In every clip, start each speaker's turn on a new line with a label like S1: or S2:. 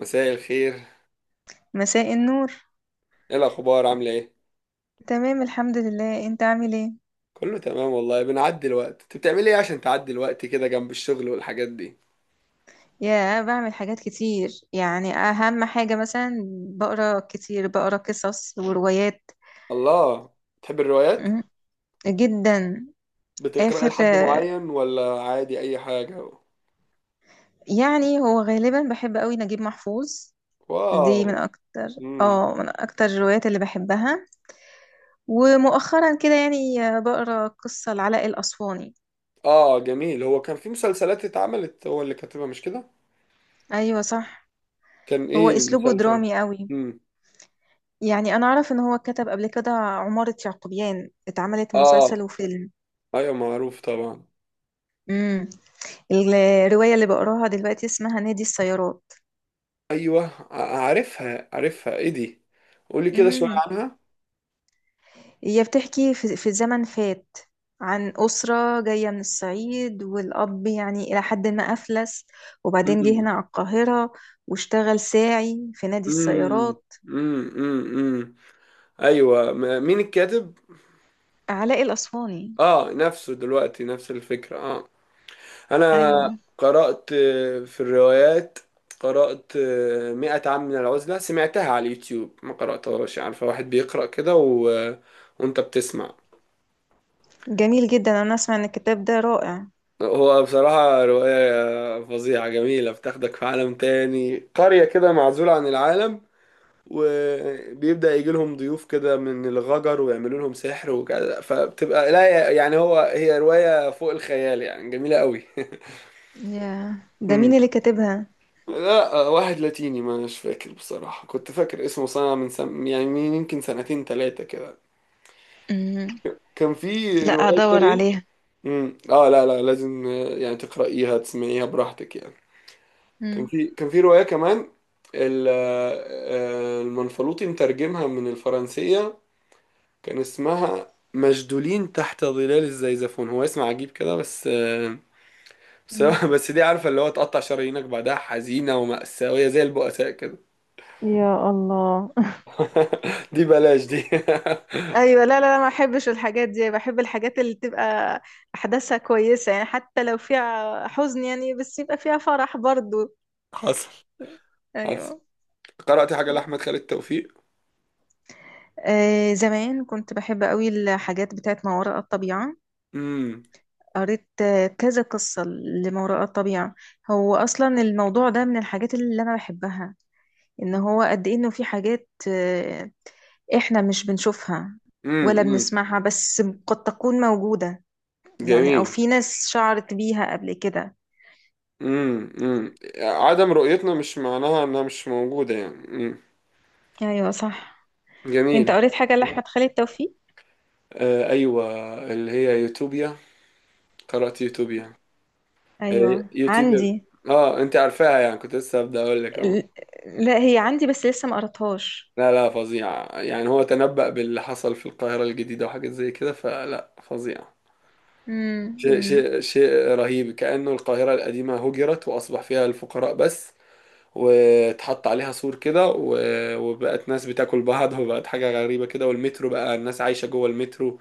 S1: مساء الخير.
S2: مساء النور.
S1: ايه الاخبار، عامله ايه؟
S2: تمام، الحمد لله. انت عامل ايه؟
S1: كله تمام والله، بنعدي الوقت. انت بتعملي ايه عشان تعدي الوقت كده جنب الشغل والحاجات دي؟
S2: يا بعمل حاجات كتير، يعني اهم حاجة مثلا بقرا كتير، بقرا قصص وروايات.
S1: الله! بتحب الروايات؟
S2: مم، جدا.
S1: بتقراي
S2: اخر
S1: لحد معين ولا عادي اي حاجه؟
S2: يعني هو غالبا بحب قوي نجيب محفوظ. دي
S1: واو.
S2: من اكتر
S1: امم
S2: اه من اكتر الروايات اللي بحبها. ومؤخرا كده يعني بقرا قصة لعلاء الاسواني.
S1: اه، جميل. هو كان في مسلسلات اتعملت، هو اللي كاتبها مش كده؟
S2: ايوه صح.
S1: كان
S2: هو
S1: ايه
S2: اسلوبه
S1: المسلسل؟
S2: درامي قوي.
S1: امم
S2: يعني انا اعرف ان هو كتب قبل كده عمارة يعقوبيان اتعملت مسلسل
S1: اه،
S2: وفيلم.
S1: ايوه معروف طبعا.
S2: امم. الرواية اللي بقراها دلوقتي اسمها نادي السيارات.
S1: ايوه، عارفها ايه دي؟ قولي كده شويه
S2: امم.
S1: عنها.
S2: هي بتحكي في زمن فات، عن أسرة جاية من الصعيد، والأب يعني إلى حد ما أفلس، وبعدين جه
S1: امم
S2: هنا على القاهرة واشتغل ساعي في نادي
S1: امم
S2: السيارات.
S1: امم ايوه، مين الكاتب؟
S2: علاء الأسواني.
S1: اه، نفسه دلوقتي، نفس الفكره. اه انا
S2: أيوة.
S1: قرات في الروايات. قرات مئة عام من العزله، سمعتها على اليوتيوب ما قراتهاش. عارفه، واحد بيقرا كده وانت بتسمع.
S2: جميل جدا، أنا أسمع إن الكتاب ده رائع.
S1: هو بصراحه روايه فظيعه جميله، بتاخدك في عالم تاني، قريه كده معزوله عن العالم. وبيبدأ يجي لهم ضيوف كده من الغجر ويعملوا لهم سحر وكده، فبتبقى لا يعني هي رواية فوق الخيال يعني، جميلة قوي.
S2: ياه، ده
S1: مم.
S2: مين اللي كاتبها؟
S1: لا واحد لاتيني، ما مش فاكر بصراحة. كنت فاكر اسمه يعني من يمكن سنتين ثلاثة كده.
S2: مم.
S1: كان في
S2: لا،
S1: روايات
S2: هدور
S1: تانية.
S2: عليها.
S1: اه، لا لا، لازم يعني تقرأيها، تسمعيها براحتك يعني. كان
S2: مم.
S1: في كان في رواية كمان، المنفلوطي مترجمها من الفرنسية. كان اسمها مشدولين تحت ظلال الزيزفون، هو اسم عجيب كده بس. بس
S2: مم.
S1: بس دي عارفة اللي هو تقطع شرايينك بعدها، حزينة ومأساوية زي البؤساء كده.
S2: يا الله.
S1: دي بلاش دي.
S2: ايوه، لا لا لا، ما احبش الحاجات دي، بحب الحاجات اللي تبقى احداثها كويسه، يعني حتى لو فيها حزن يعني، بس يبقى فيها فرح برضو.
S1: حصل حصل.
S2: ايوه.
S1: قرأت حاجة
S2: مم.
S1: لأحمد خالد توفيق.
S2: آه، زمان كنت بحب قوي الحاجات بتاعت ما وراء الطبيعه،
S1: امم
S2: قريت كذا قصه لما وراء الطبيعه. هو اصلا الموضوع ده من الحاجات اللي انا بحبها، ان هو قد ايه انه في حاجات احنا مش بنشوفها
S1: امم
S2: ولا
S1: امم
S2: بنسمعها، بس قد تكون موجودة، يعني او
S1: جميل.
S2: في ناس شعرت بيها قبل كده.
S1: عدم رؤيتنا مش معناها انها مش موجودة يعني.
S2: ايوه صح. انت
S1: جميل.
S2: قريت حاجة لأحمد خالد توفيق؟
S1: آه، ايوه، اللي هي يوتوبيا. قرأت يوتوبيا. هي
S2: ايوه،
S1: يوتيوبر.
S2: عندي.
S1: اه، انت عارفاها، يعني كنت لسه هبدأ اقول لك. اه،
S2: ال- لا، هي عندي بس لسه ما قريتهاش.
S1: لا لا، فظيع يعني. هو تنبأ باللي حصل في القاهرة الجديدة وحاجات زي كده، فلا فظيع. شيء
S2: امم.
S1: شيء شيء رهيب، كأنه القاهرة القديمة هجرت وأصبح فيها الفقراء بس. واتحط عليها سور كده وبقت ناس بتاكل بعض. وبقت حاجة غريبة كده، والمترو بقى الناس عايشة جوه المترو.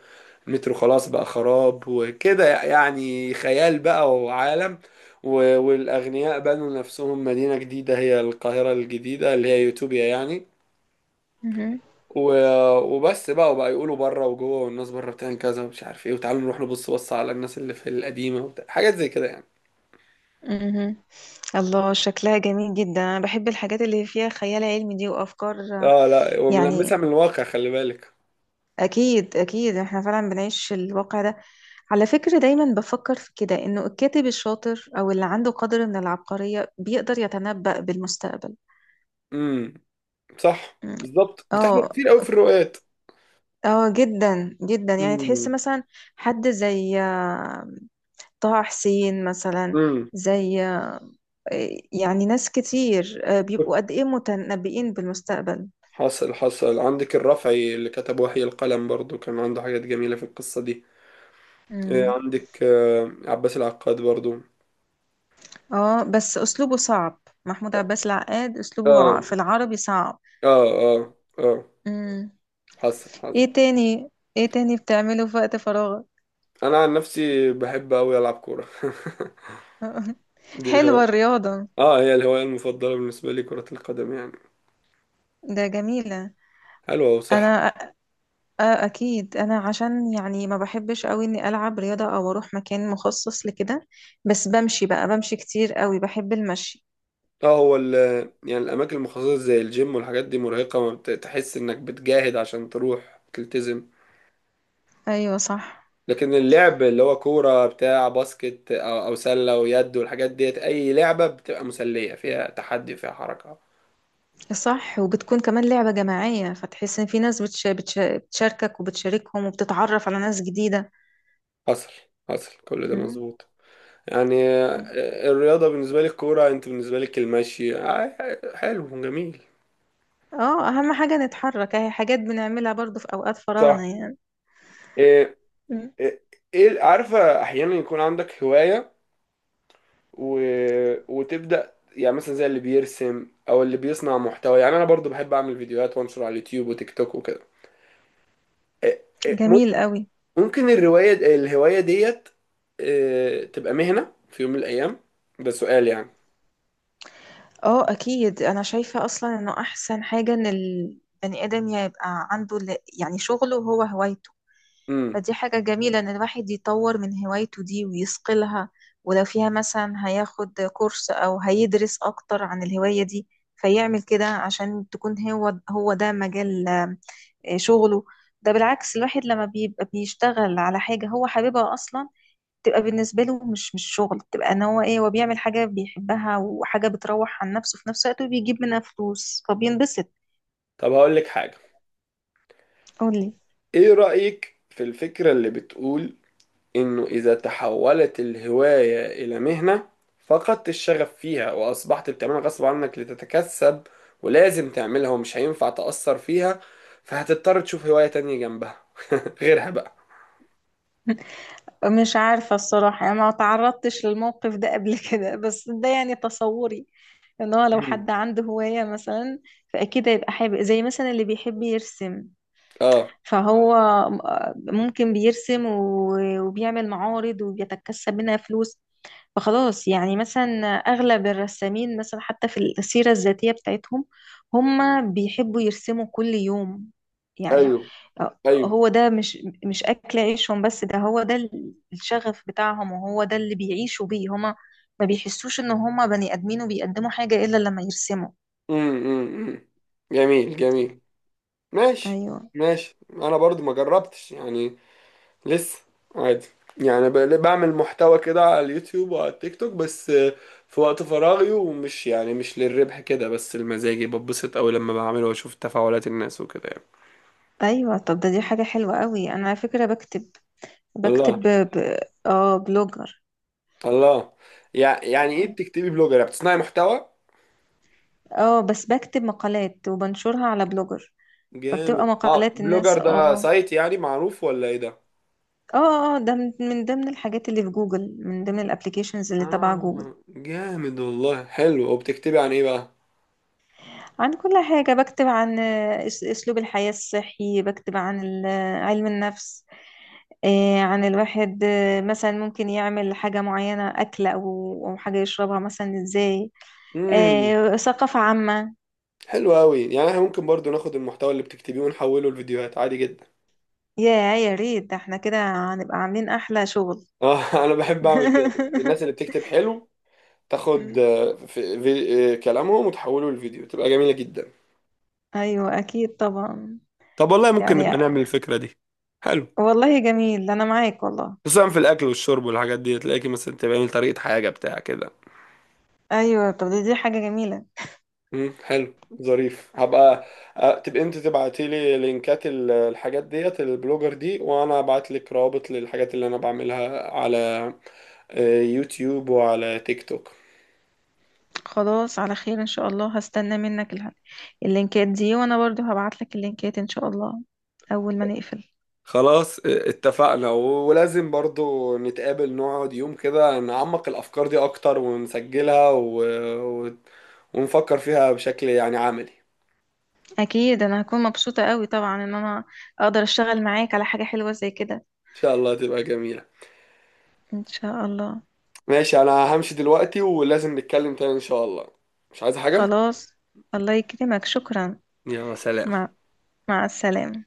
S1: المترو خلاص بقى خراب وكده، يعني خيال بقى وعالم. والأغنياء بنوا نفسهم مدينة جديدة، هي القاهرة الجديدة اللي هي يوتوبيا يعني.
S2: مهم.
S1: وبس بقى، وبقى يقولوا بره وجوه، والناس بره بتعمل كذا ومش عارف ايه، وتعالوا نروح نبص على الناس اللي في القديمة وبتاع. حاجات زي كده يعني.
S2: مهم. الله، شكلها جميل جدا، انا بحب الحاجات اللي فيها خيال علمي دي وافكار،
S1: اه، لا وملمسها
S2: يعني
S1: من الواقع، خلي بالك.
S2: أكيد أكيد إحنا فعلا بنعيش الواقع ده. على فكرة دايما بفكر في كده، إنه الكاتب الشاطر أو اللي عنده قدر من العبقرية بيقدر يتنبأ بالمستقبل.
S1: امم صح
S2: م.
S1: بالظبط، بتحصل
S2: اه.
S1: كتير قوي في الروايات.
S2: اه، جدا جدا، يعني تحس
S1: امم.
S2: مثلا حد زي طه حسين مثلا،
S1: امم.
S2: زي آه، يعني ناس كتير بيبقوا قد إيه متنبئين بالمستقبل.
S1: حصل حصل. عندك الرافعي اللي كتب وحي القلم برضو، كان عنده حاجات جميلة في القصة دي.
S2: مم.
S1: عندك عباس العقاد برضو.
S2: اه، بس أسلوبه صعب، محمود عباس العقاد أسلوبه
S1: اه
S2: في العربي صعب.
S1: اه اه اه.
S2: مم.
S1: حصل حصل.
S2: ايه تاني ايه تاني بتعمله في وقت فراغك؟
S1: انا عن نفسي بحب اوي العب كورة. دي
S2: حلوة
S1: الهواية.
S2: الرياضة.
S1: اه، هي الهواية المفضلة بالنسبة لي، كرة القدم يعني.
S2: ده جميلة.
S1: حلوة وصحة.
S2: انا أ- أ- اكيد انا عشان يعني ما بحبش قوي اني العب رياضة او اروح مكان مخصص لكده، بس بمشي بقى، بمشي كتير قوي، بحب المشي.
S1: اه، هو يعني الأماكن المخصصة زي الجيم والحاجات دي مرهقة، ما تحس إنك بتجاهد عشان تروح تلتزم.
S2: ايوه صح.
S1: لكن اللعب اللي هو كورة بتاع باسكت أو سلة ويد والحاجات ديت، أي لعبة بتبقى مسلية، فيها تحدي فيها حركة.
S2: صح، وبتكون كمان لعبة جماعية، فتحس ان في ناس بتشاركك وبتشاركهم وبتتعرف على ناس جديدة.
S1: حصل حصل، كل ده
S2: مم.
S1: مظبوط. يعني الرياضة بالنسبة لي الكورة، أنت بالنسبة لك المشي. حلو جميل.
S2: اه، اهم حاجة نتحرك، اهي حاجات بنعملها برضو في اوقات فراغنا
S1: صح.
S2: يعني.
S1: إيه
S2: مم.
S1: إيه عارفة، أحيانا يكون عندك هواية و... وتبدأ، يعني مثلا زي اللي بيرسم أو اللي بيصنع محتوى. يعني أنا برضو بحب أعمل فيديوهات وأنشر على اليوتيوب وتيك توك وكده. إيه- إيه،
S2: جميل قوي.
S1: ممكن الهواية ديت تبقى مهنة في يوم من الأيام. ده سؤال يعني.
S2: اه، اكيد انا شايفة اصلا انه احسن حاجة ان البني ادم يبقى عنده يعني شغله هو هوايته،
S1: امم
S2: فدي حاجة جميلة ان الواحد يطور من هوايته دي ويصقلها، ولو فيها مثلا هياخد كورس او هيدرس اكتر عن الهواية دي، فيعمل كده عشان تكون هو هو ده مجال شغله. ده بالعكس الواحد لما بيبقى بيشتغل على حاجة هو حاببها اصلا، تبقى بالنسبة له مش شغل، تبقى ان هو ايه، هو بيعمل حاجة بيحبها، وحاجة بتروح عن نفسه في نفس الوقت، وبيجيب منها فلوس فبينبسط.
S1: طب هقول لك حاجة.
S2: قولي.
S1: ايه رأيك في الفكرة اللي بتقول انه اذا تحولت الهواية الى مهنة، فقدت الشغف فيها، واصبحت بتعملها غصب عنك لتتكسب، ولازم تعملها ومش هينفع تأثر فيها، فهتضطر تشوف هواية تانية جنبها. غيرها بقى.
S2: مش عارفة الصراحة، يعني ما تعرضتش للموقف ده قبل كده، بس ده يعني تصوري ان هو لو
S1: مم.
S2: حد عنده هواية مثلا، فأكيد هيبقى حابب، زي مثلا اللي بيحب يرسم،
S1: اه،
S2: فهو ممكن بيرسم وبيعمل معارض وبيتكسب منها فلوس، فخلاص يعني مثلا أغلب الرسامين، مثلا حتى في السيرة الذاتية بتاعتهم، هما بيحبوا يرسموا كل يوم، يعني
S1: ايوه ايوه.
S2: هو ده مش أكل عيشهم، بس ده هو ده الشغف بتاعهم، وهو ده اللي بيعيشوا بيه هما، ما بيحسوش إن هما بني آدمين وبيقدموا حاجة إلا لما يرسموا.
S1: امم، امم، أمم. جميل جميل. ماشي.
S2: أيوه.
S1: ماشي، انا برضو ما جربتش يعني، لسه. عادي. يعني بعمل محتوى كده على اليوتيوب وعلى التيك توك، بس في وقت فراغي، ومش يعني مش للربح كده، بس المزاجي. ببسط قوي لما بعمله واشوف تفاعلات الناس وكده يعني.
S2: أيوه، طب ده دي حاجة حلوة قوي. أنا على فكرة بكتب،
S1: الله.
S2: بكتب ب... اه، بلوجر.
S1: الله. يعني ايه بتكتبي بلوجر، يعني بتصنعي محتوى؟
S2: اه، بس بكتب مقالات وبنشرها على بلوجر، فبتبقى
S1: جامد. اه،
S2: مقالات
S1: بلوجر
S2: الناس.
S1: ده
S2: اه
S1: سايت يعني معروف ولا ايه ده؟
S2: اه اه، ده من ضمن الحاجات اللي في جوجل، من ضمن الابليكيشنز اللي تبع جوجل.
S1: اه، جامد والله. حلو، وبتكتبي عن ايه؟
S2: عن كل حاجة، بكتب عن اسلوب الحياة الصحي، بكتب عن علم النفس، عن الواحد مثلا ممكن يعمل حاجة معينة، أكل أو حاجة يشربها مثلا إزاي،
S1: بقى.
S2: ثقافة عامة.
S1: حلو قوي، يعني احنا ممكن برضو ناخد المحتوى اللي بتكتبيه ونحوله لفيديوهات عادي جدا.
S2: يا يا ريت، ده احنا كده هنبقى عاملين أحلى شغل.
S1: اه انا بحب اعمل كده. الناس اللي بتكتب حلو تاخد في في كلامهم وتحوله لفيديو، تبقى جميلة جدا.
S2: أيوة أكيد طبعا.
S1: طب والله ممكن
S2: يعني
S1: نبقى نعمل الفكرة دي. حلو.
S2: والله جميل، انا معاك والله.
S1: خصوصا في الاكل والشرب والحاجات دي، تلاقيكي مثلا تعملي طريقة حاجة بتاع كده.
S2: ايوه، طب دي حاجه جميله.
S1: حلو. ظريف. هبقى تبقى انت تبعتي لي لينكات الحاجات ديت البلوجر دي، وانا ابعت لك رابط للحاجات اللي انا بعملها على يوتيوب وعلى تيك توك.
S2: خلاص، على خير ان شاء الله، هستنى منك اللينكات دي، وانا برضو هبعت لك اللينكات ان شاء الله اول ما نقفل.
S1: خلاص اه، اتفقنا. ولازم برضو نتقابل، نقعد يوم كده نعمق الأفكار دي أكتر ونسجلها و... ونفكر فيها بشكل يعني عملي.
S2: اكيد انا هكون مبسوطه قوي طبعا ان انا اقدر اشتغل معاك على حاجه حلوه زي كده.
S1: إن شاء الله تبقى جميلة.
S2: ان شاء الله.
S1: ماشي، أنا همشي دلوقتي، ولازم نتكلم تاني إن شاء الله. مش عايز حاجة؟
S2: خلاص، الله يكرمك، شكرا.
S1: يلا سلام.
S2: مع مع السلامه.